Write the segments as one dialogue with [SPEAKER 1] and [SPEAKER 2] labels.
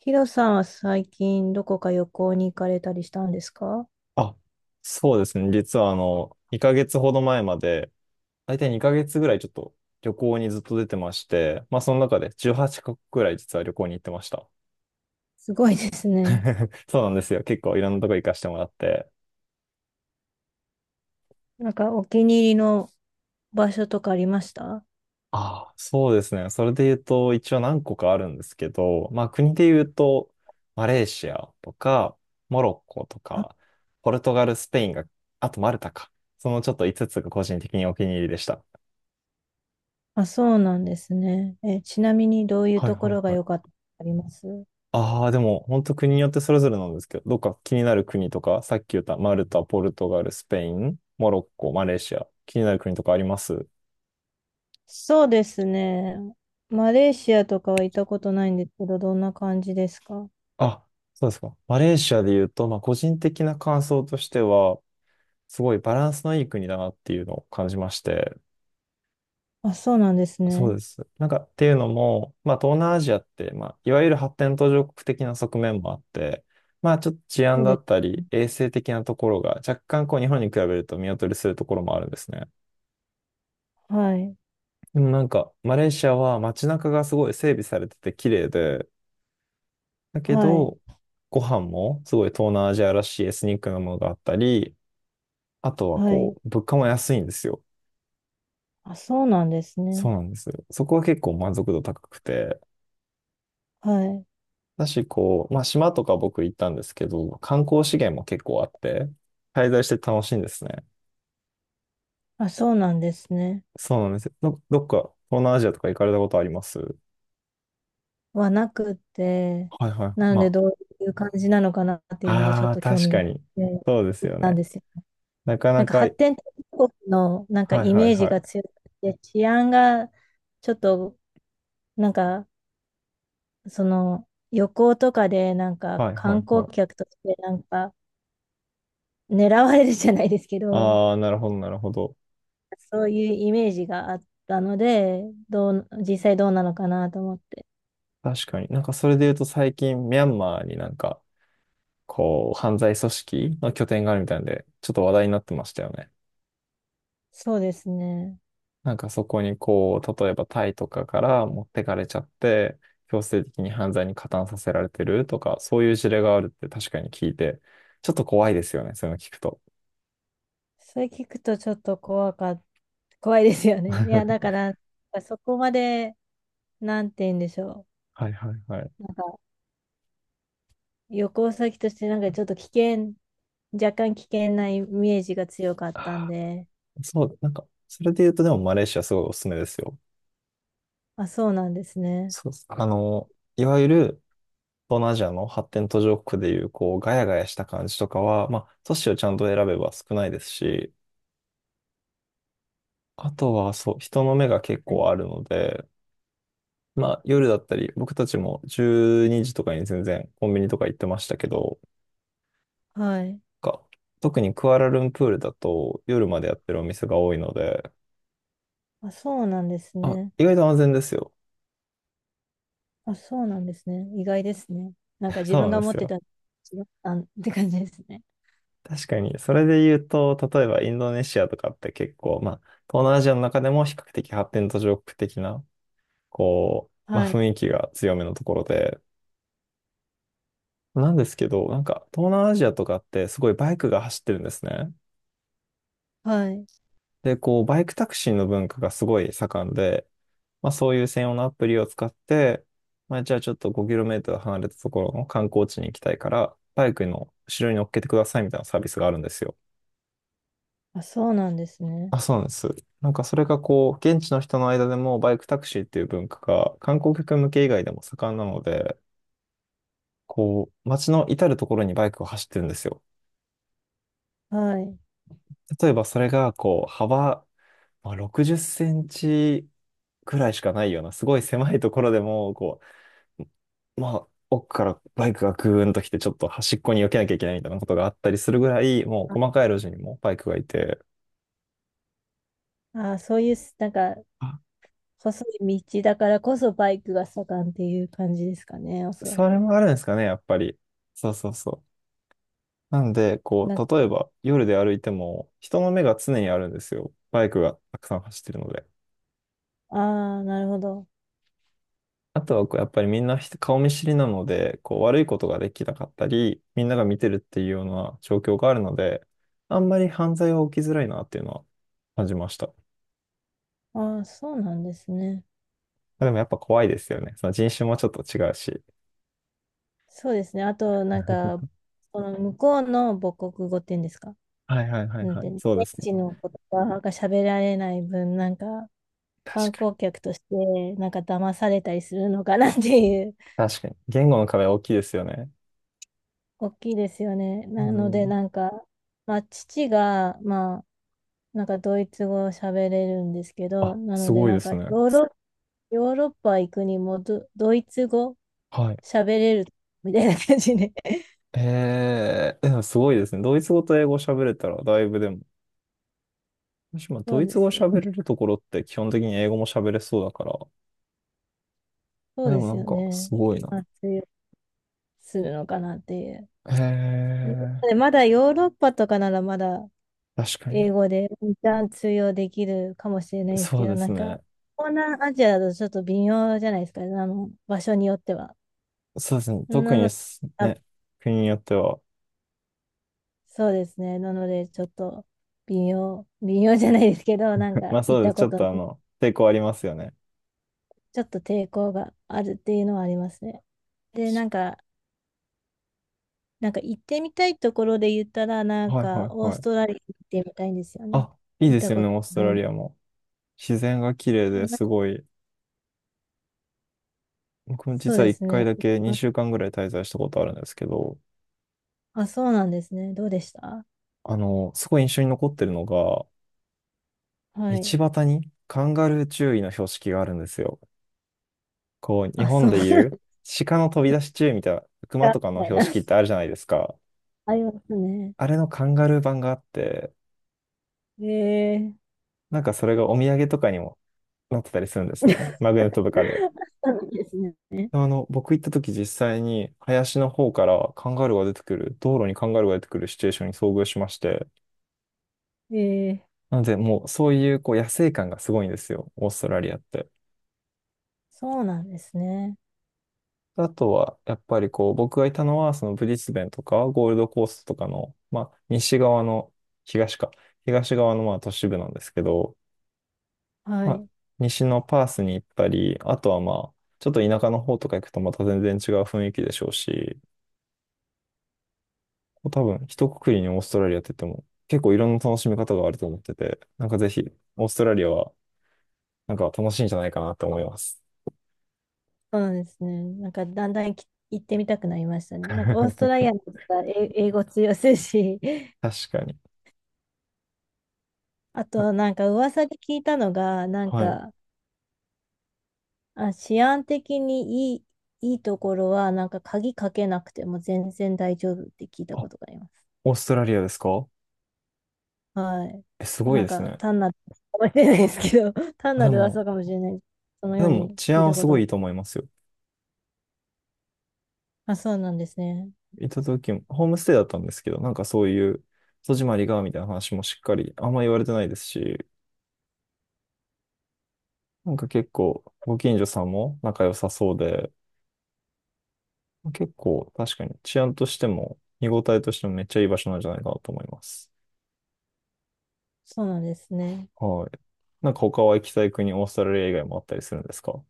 [SPEAKER 1] ヒロさんは最近どこか旅行に行かれたりしたんですか？
[SPEAKER 2] あ、そうですね。実は2ヶ月ほど前まで、大体2ヶ月ぐらいちょっと旅行にずっと出てまして、まあその中で18カ国ぐらい実は旅行に行ってました。
[SPEAKER 1] すごいですね。
[SPEAKER 2] そうなんですよ。結構いろんなとこ行かせてもらって。
[SPEAKER 1] お気に入りの場所とかありました？
[SPEAKER 2] ああ、そうですね。それで言うと、一応何個かあるんですけど、まあ国で言うと、マレーシアとか、モロッコと
[SPEAKER 1] あ、
[SPEAKER 2] か、ポルトガル、スペインが、あとマルタか。そのちょっと5つつが個人的にお気に入りでした。
[SPEAKER 1] あ、そうなんですね。え、ちなみにどういう
[SPEAKER 2] はい
[SPEAKER 1] とこ
[SPEAKER 2] はい
[SPEAKER 1] ろが
[SPEAKER 2] は
[SPEAKER 1] 良
[SPEAKER 2] い。
[SPEAKER 1] かったとかあります？
[SPEAKER 2] ああ、でも、本当国によってそれぞれなんですけど、どっか気になる国とか、さっき言ったマルタ、ポルトガル、スペイン、モロッコ、マレーシア、気になる国とかあります？
[SPEAKER 1] そうですね。マレーシアとかは行ったことないんですけど、どんな感じですか？
[SPEAKER 2] あ、そうですか。マレーシアで言うと、まあ、個人的な感想としては、すごいバランスのいい国だなっていうのを感じまして、
[SPEAKER 1] あ、そうなんです
[SPEAKER 2] そう
[SPEAKER 1] ね。
[SPEAKER 2] です。なんか、っていうのも、まあ、東南アジアって、まあ、いわゆる発展途上国的な側面もあって、まあ、ちょっと治安
[SPEAKER 1] そう
[SPEAKER 2] だ
[SPEAKER 1] で
[SPEAKER 2] った
[SPEAKER 1] す
[SPEAKER 2] り、
[SPEAKER 1] ね。
[SPEAKER 2] 衛生的なところが若干こう日本に比べると見劣りするところもあるんですね。
[SPEAKER 1] はい。
[SPEAKER 2] でもなんか、マレーシアは街中がすごい整備されてて綺麗で、だけ
[SPEAKER 1] はい。
[SPEAKER 2] ど、ご飯もすごい東南アジアらしいエスニックなものがあったり、あとは
[SPEAKER 1] はい。
[SPEAKER 2] こう、物価も安いんですよ。
[SPEAKER 1] あ、そうなんです
[SPEAKER 2] そ
[SPEAKER 1] ね。
[SPEAKER 2] うなんですよ。そこは結構満足度高くて。
[SPEAKER 1] はい。
[SPEAKER 2] だし、こう、まあ島とか僕行ったんですけど、観光資源も結構あって、滞在して楽しいんですね。
[SPEAKER 1] あ、そうなんですね。
[SPEAKER 2] そうなんですよ。どっか東南アジアとか行かれたことあります？
[SPEAKER 1] はなくって、
[SPEAKER 2] はいはい。
[SPEAKER 1] なので
[SPEAKER 2] ま
[SPEAKER 1] どういう感じなのかなっていうのがちょ
[SPEAKER 2] あ、
[SPEAKER 1] っ
[SPEAKER 2] ああ、
[SPEAKER 1] と興
[SPEAKER 2] 確
[SPEAKER 1] 味があ
[SPEAKER 2] か
[SPEAKER 1] っ
[SPEAKER 2] に。
[SPEAKER 1] て
[SPEAKER 2] そうです
[SPEAKER 1] 行っ
[SPEAKER 2] よ
[SPEAKER 1] たん
[SPEAKER 2] ね。
[SPEAKER 1] ですよ。
[SPEAKER 2] なかなか、は
[SPEAKER 1] 発
[SPEAKER 2] い
[SPEAKER 1] 展途上国の
[SPEAKER 2] はい
[SPEAKER 1] イ
[SPEAKER 2] は
[SPEAKER 1] メージが
[SPEAKER 2] い。
[SPEAKER 1] 強くて、治安がちょっとなんかその旅行とかで
[SPEAKER 2] はいはい
[SPEAKER 1] 観
[SPEAKER 2] は
[SPEAKER 1] 光
[SPEAKER 2] い。
[SPEAKER 1] 客として狙われるじゃないですけど、
[SPEAKER 2] ああ、なるほどなるほど。
[SPEAKER 1] そういうイメージがあったので、どう、実際どうなのかなと思って。
[SPEAKER 2] 確かに。なんかそれで言うと最近ミャンマーになんかこう犯罪組織の拠点があるみたいなんで、ちょっと話題になってましたよね。
[SPEAKER 1] そうですね。
[SPEAKER 2] なんかそこにこう、例えばタイとかから持ってかれちゃって、強制的に犯罪に加担させられてるとか、そういう事例があるって確かに聞いて、ちょっと怖いですよね、そういうの聞くと。
[SPEAKER 1] それ聞くとちょっと怖かっ怖いですよ ね。い
[SPEAKER 2] は
[SPEAKER 1] や、だから、そこまで、なんて言うんでしょ
[SPEAKER 2] いはいはい。
[SPEAKER 1] う。旅行先として、なんかちょっと危険、若干危険なイメージが強かったん
[SPEAKER 2] あ
[SPEAKER 1] で、
[SPEAKER 2] ーそう、なんか、それで言うとでもマレーシアすごいおすすめですよ。
[SPEAKER 1] あ、そうなんですね。
[SPEAKER 2] そうっす、いわゆる東南アジアの発展途上国でいう、こう、ガヤガヤした感じとかは、まあ、都市をちゃんと選べば少ないですし、あとは、そう、人の目が結
[SPEAKER 1] はい
[SPEAKER 2] 構あるので、まあ、夜だったり、僕たちも12時とかに全然コンビニとか行ってましたけど、
[SPEAKER 1] はい。
[SPEAKER 2] か特にクアラルンプールだと夜までやってるお店が多いので、
[SPEAKER 1] あ、そうなんです
[SPEAKER 2] あ、
[SPEAKER 1] ね。
[SPEAKER 2] 意外と安全ですよ。
[SPEAKER 1] あ、そうなんですね。意外ですね。なんか 自
[SPEAKER 2] そう
[SPEAKER 1] 分
[SPEAKER 2] なん
[SPEAKER 1] が
[SPEAKER 2] で
[SPEAKER 1] 持
[SPEAKER 2] す
[SPEAKER 1] って
[SPEAKER 2] よ。
[SPEAKER 1] た、違ったんって感じですね。
[SPEAKER 2] 確かに、それで言うと、例えばインドネシアとかって結構、まあ、東南アジアの中でも比較的発展途上国的なこう、まあ、
[SPEAKER 1] はい。
[SPEAKER 2] 雰囲気が強めのところで、なんですけど、なんか東南アジアとかってすごいバイクが走ってるんですね。
[SPEAKER 1] はい。
[SPEAKER 2] で、こう、バイクタクシーの文化がすごい盛んで、まあ、そういう専用のアプリを使って、まあ、じゃあちょっと5トル離れたところの観光地に行きたいから、バイクの後ろに乗っけてくださいみたいなサービスがあるんですよ。
[SPEAKER 1] あ、そうなんですね。
[SPEAKER 2] あ、そうなんです。なんかそれがこう、現地の人の間でもバイクタクシーっていう文化が観光客向け以外でも盛んなので、こう、街の至るところにバイクが走ってるんですよ。
[SPEAKER 1] はい。
[SPEAKER 2] 例えばそれがこう幅、まあ、60センチくらいしかないようなすごい狭いところでもこう、まあ、奥からバイクがグーンと来てちょっと端っこに避けなきゃいけないみたいなことがあったりするぐらいもう細かい路地にもバイクがいて、
[SPEAKER 1] あ、そういう、なんか、
[SPEAKER 2] あ、
[SPEAKER 1] 細い道だからこそバイクが盛んっていう感じですかね、おそら
[SPEAKER 2] それ
[SPEAKER 1] く。
[SPEAKER 2] もあるんですかね、やっぱり。そうそうそう。なんでこ
[SPEAKER 1] なんか、
[SPEAKER 2] う例えば夜で歩いても人の目が常にあるんですよ、バイクがたくさん走ってるので。
[SPEAKER 1] ああ、なるほど。
[SPEAKER 2] あとはこうやっぱりみんな人顔見知りなので、こう悪いことができなかったり、みんなが見てるっていうような状況があるので、あんまり犯罪は起きづらいなっていうのは感じました。
[SPEAKER 1] ああ、そうなんですね。
[SPEAKER 2] でもやっぱ怖いですよね。その人種もちょっと違うし。
[SPEAKER 1] そうですね。あと、なんか、この向こうの母国語っていうんですか。
[SPEAKER 2] はいはいはい
[SPEAKER 1] なん
[SPEAKER 2] は
[SPEAKER 1] ていう
[SPEAKER 2] い。
[SPEAKER 1] の、
[SPEAKER 2] そうです
[SPEAKER 1] 現
[SPEAKER 2] ね。
[SPEAKER 1] 地の言葉が喋られない分、なんか、
[SPEAKER 2] 確
[SPEAKER 1] 観
[SPEAKER 2] かに。
[SPEAKER 1] 光客として、なんか騙されたりするのかなっていう、
[SPEAKER 2] 確かに。言語の壁は大きいですよね。
[SPEAKER 1] 大きいですよね。
[SPEAKER 2] う
[SPEAKER 1] なので、
[SPEAKER 2] ん。
[SPEAKER 1] なんか、まあ、父が、まあ、なんかドイツ語を喋れるんですけど、
[SPEAKER 2] あ、
[SPEAKER 1] なの
[SPEAKER 2] す
[SPEAKER 1] で
[SPEAKER 2] ごい
[SPEAKER 1] な
[SPEAKER 2] で
[SPEAKER 1] ん
[SPEAKER 2] す
[SPEAKER 1] か
[SPEAKER 2] ね。
[SPEAKER 1] ヨーロッパ行くにもドイツ語
[SPEAKER 2] はい。
[SPEAKER 1] 喋れるみたいな感じで。
[SPEAKER 2] えー、でもすごいですね。ドイツ語と英語喋れたらだいぶでも。もしも
[SPEAKER 1] そ
[SPEAKER 2] ド
[SPEAKER 1] う
[SPEAKER 2] イ
[SPEAKER 1] で
[SPEAKER 2] ツ語
[SPEAKER 1] すね。
[SPEAKER 2] 喋れるところって基本的に英語も喋れそうだから、
[SPEAKER 1] そう
[SPEAKER 2] で
[SPEAKER 1] で
[SPEAKER 2] もな
[SPEAKER 1] す
[SPEAKER 2] ん
[SPEAKER 1] よ
[SPEAKER 2] か、
[SPEAKER 1] ね。
[SPEAKER 2] すごいな。
[SPEAKER 1] まあ、通用するのかなっていう。
[SPEAKER 2] へえ、
[SPEAKER 1] でまだヨーロッパとかならまだ
[SPEAKER 2] 確かに。
[SPEAKER 1] 英語で一旦通用できるかもしれないです
[SPEAKER 2] そ
[SPEAKER 1] け
[SPEAKER 2] う
[SPEAKER 1] ど、
[SPEAKER 2] で
[SPEAKER 1] な
[SPEAKER 2] す
[SPEAKER 1] んか、
[SPEAKER 2] ね。
[SPEAKER 1] 東南アジアだとちょっと微妙じゃないですか、あの、場所によっては。
[SPEAKER 2] そうですね。特
[SPEAKER 1] な
[SPEAKER 2] に
[SPEAKER 1] の、
[SPEAKER 2] す
[SPEAKER 1] あ、
[SPEAKER 2] ね、国によっては。
[SPEAKER 1] そうですね。なので、ちょっと微妙じゃないですけど、なん
[SPEAKER 2] ま
[SPEAKER 1] か
[SPEAKER 2] あ
[SPEAKER 1] 行
[SPEAKER 2] そ
[SPEAKER 1] っ
[SPEAKER 2] うで
[SPEAKER 1] た
[SPEAKER 2] す。ち
[SPEAKER 1] こ
[SPEAKER 2] ょっ
[SPEAKER 1] とな
[SPEAKER 2] とあ
[SPEAKER 1] い、
[SPEAKER 2] の、抵抗ありますよね。
[SPEAKER 1] ちょっと抵抗があるっていうのはありますね。で、
[SPEAKER 2] 確か
[SPEAKER 1] なんか行ってみたいところで言ったら、な
[SPEAKER 2] に
[SPEAKER 1] ん
[SPEAKER 2] はいは
[SPEAKER 1] か、
[SPEAKER 2] い
[SPEAKER 1] オー
[SPEAKER 2] は
[SPEAKER 1] ス
[SPEAKER 2] い。
[SPEAKER 1] トラリア行ってみたいんですよね。
[SPEAKER 2] あ、いい
[SPEAKER 1] 行っ
[SPEAKER 2] で
[SPEAKER 1] た
[SPEAKER 2] すよ
[SPEAKER 1] こ
[SPEAKER 2] ね、
[SPEAKER 1] と
[SPEAKER 2] オースト
[SPEAKER 1] ない
[SPEAKER 2] ラ
[SPEAKER 1] な。
[SPEAKER 2] リアも。自然が綺麗です
[SPEAKER 1] な、
[SPEAKER 2] ごい。僕も
[SPEAKER 1] そう
[SPEAKER 2] 実は
[SPEAKER 1] で
[SPEAKER 2] 一
[SPEAKER 1] す
[SPEAKER 2] 回
[SPEAKER 1] ね。
[SPEAKER 2] だけ2週間ぐらい滞在したことあるんですけど、
[SPEAKER 1] あ、そうなんですね。どうでした？
[SPEAKER 2] すごい印象に残ってるのが、
[SPEAKER 1] は
[SPEAKER 2] 道
[SPEAKER 1] い。
[SPEAKER 2] 端にカンガルー注意の標識があるんですよ。こう、日
[SPEAKER 1] あ、
[SPEAKER 2] 本
[SPEAKER 1] そう
[SPEAKER 2] で
[SPEAKER 1] なん
[SPEAKER 2] いう鹿の飛び出し注意みたいな、熊
[SPEAKER 1] だ、
[SPEAKER 2] とか
[SPEAKER 1] み
[SPEAKER 2] の
[SPEAKER 1] たい
[SPEAKER 2] 標
[SPEAKER 1] な。
[SPEAKER 2] 識ってあるじゃないですか。
[SPEAKER 1] ありますね。
[SPEAKER 2] あれのカンガルー版があって、
[SPEAKER 1] ええ。
[SPEAKER 2] なんかそれがお土産とかにもなってたりするんですね。マグネットとかで。
[SPEAKER 1] そうなんですね。
[SPEAKER 2] 僕行った時実際に林の方からカンガルーが出てくる、道路にカンガルーが出てくるシチュエーションに遭遇しまして、
[SPEAKER 1] ええ、
[SPEAKER 2] なのでもうそういうこう野生感がすごいんですよ、オーストラリアって。
[SPEAKER 1] そうなんですね。
[SPEAKER 2] あとは、やっぱりこう、僕がいたのは、そのブリスベンとか、ゴールドコーストとかの、まあ、西側の、東か、東側のまあ都市部なんですけど、
[SPEAKER 1] は
[SPEAKER 2] まあ、
[SPEAKER 1] い。
[SPEAKER 2] 西のパースに行ったり、あとはまあ、ちょっと田舎の方とか行くとまた全然違う雰囲気でしょうし、多分、一括りにオーストラリアって言っても、結構いろんな楽しみ方があると思ってて、なんかぜひ、オーストラリアは、なんか楽しいんじゃないかなって思います。
[SPEAKER 1] そうなんですね。なんか、だんだんき行ってみたくなりましたね。なんか、オースト ラリアの方が英語通用するし、
[SPEAKER 2] 確かに。
[SPEAKER 1] あと、
[SPEAKER 2] は
[SPEAKER 1] なんか噂で聞いたのが、なん
[SPEAKER 2] はい。
[SPEAKER 1] か、あ、治安的にいい、いいところは、なんか鍵かけなくても全然大丈夫って聞いた
[SPEAKER 2] あ、
[SPEAKER 1] ことがあります。
[SPEAKER 2] オーストラリアですか？
[SPEAKER 1] はい。
[SPEAKER 2] え、すごい
[SPEAKER 1] なん
[SPEAKER 2] です
[SPEAKER 1] か、
[SPEAKER 2] ね。
[SPEAKER 1] 単なる噂かもしれないですけど、単な
[SPEAKER 2] で
[SPEAKER 1] る
[SPEAKER 2] も、
[SPEAKER 1] 噂かもしれない。そのよ
[SPEAKER 2] で
[SPEAKER 1] う
[SPEAKER 2] も
[SPEAKER 1] に
[SPEAKER 2] 治
[SPEAKER 1] 聞い
[SPEAKER 2] 安は
[SPEAKER 1] たこ
[SPEAKER 2] す
[SPEAKER 1] と
[SPEAKER 2] ごい
[SPEAKER 1] が。
[SPEAKER 2] いいと思いますよ。
[SPEAKER 1] あ、そうなんですね。
[SPEAKER 2] 行った時も、ホームステイだったんですけど、なんかそういう、戸締まりが、みたいな話もしっかり、あんま言われてないですし、なんか結構、ご近所さんも仲良さそうで、結構、確かに治安としても、見応えとしてもめっちゃいい場所なんじゃないかなと思います。
[SPEAKER 1] そうなんですね。
[SPEAKER 2] はい。なんか他は行きたい国、オーストラリア以外もあったりするんですか？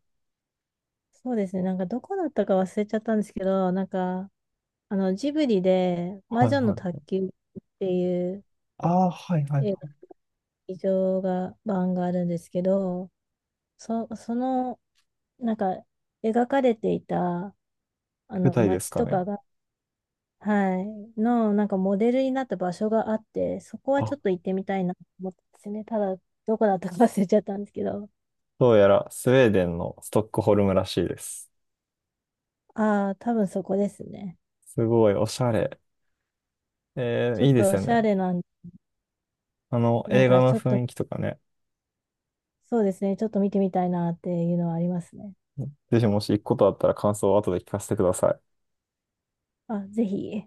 [SPEAKER 1] そうですね。なんか、どこだったか忘れちゃったんですけど、なんか、あの、ジブリで、魔
[SPEAKER 2] はい
[SPEAKER 1] 女の
[SPEAKER 2] は
[SPEAKER 1] 宅
[SPEAKER 2] い。
[SPEAKER 1] 急便っていう
[SPEAKER 2] ああ、はいはいは
[SPEAKER 1] 映画、
[SPEAKER 2] い。
[SPEAKER 1] 劇場が、版があるんですけど、その、なんか、描かれていた、あ
[SPEAKER 2] 舞
[SPEAKER 1] の、
[SPEAKER 2] 台です
[SPEAKER 1] 街
[SPEAKER 2] か
[SPEAKER 1] と
[SPEAKER 2] ね。
[SPEAKER 1] かが、はい、の、なんかモデルになった場所があって、そこは
[SPEAKER 2] あ、
[SPEAKER 1] ちょっと行ってみたいなと思ったんですね。ただ、どこだったか忘れちゃったんですけど、
[SPEAKER 2] どうやらスウェーデンのストックホルムらしいです。
[SPEAKER 1] ああ、多分そこですね。
[SPEAKER 2] すごいおしゃれ。えー、
[SPEAKER 1] ちょ
[SPEAKER 2] い
[SPEAKER 1] っ
[SPEAKER 2] いで
[SPEAKER 1] と
[SPEAKER 2] す
[SPEAKER 1] お
[SPEAKER 2] よ
[SPEAKER 1] し
[SPEAKER 2] ね。
[SPEAKER 1] ゃれなん、なん
[SPEAKER 2] 映画
[SPEAKER 1] かち
[SPEAKER 2] の
[SPEAKER 1] ょっと、
[SPEAKER 2] 雰囲気とかね。
[SPEAKER 1] そうですね、ちょっと見てみたいなっていうのはありますね。
[SPEAKER 2] ぜひもし行くことあったら感想を後で聞かせてください。
[SPEAKER 1] あ、ぜひ。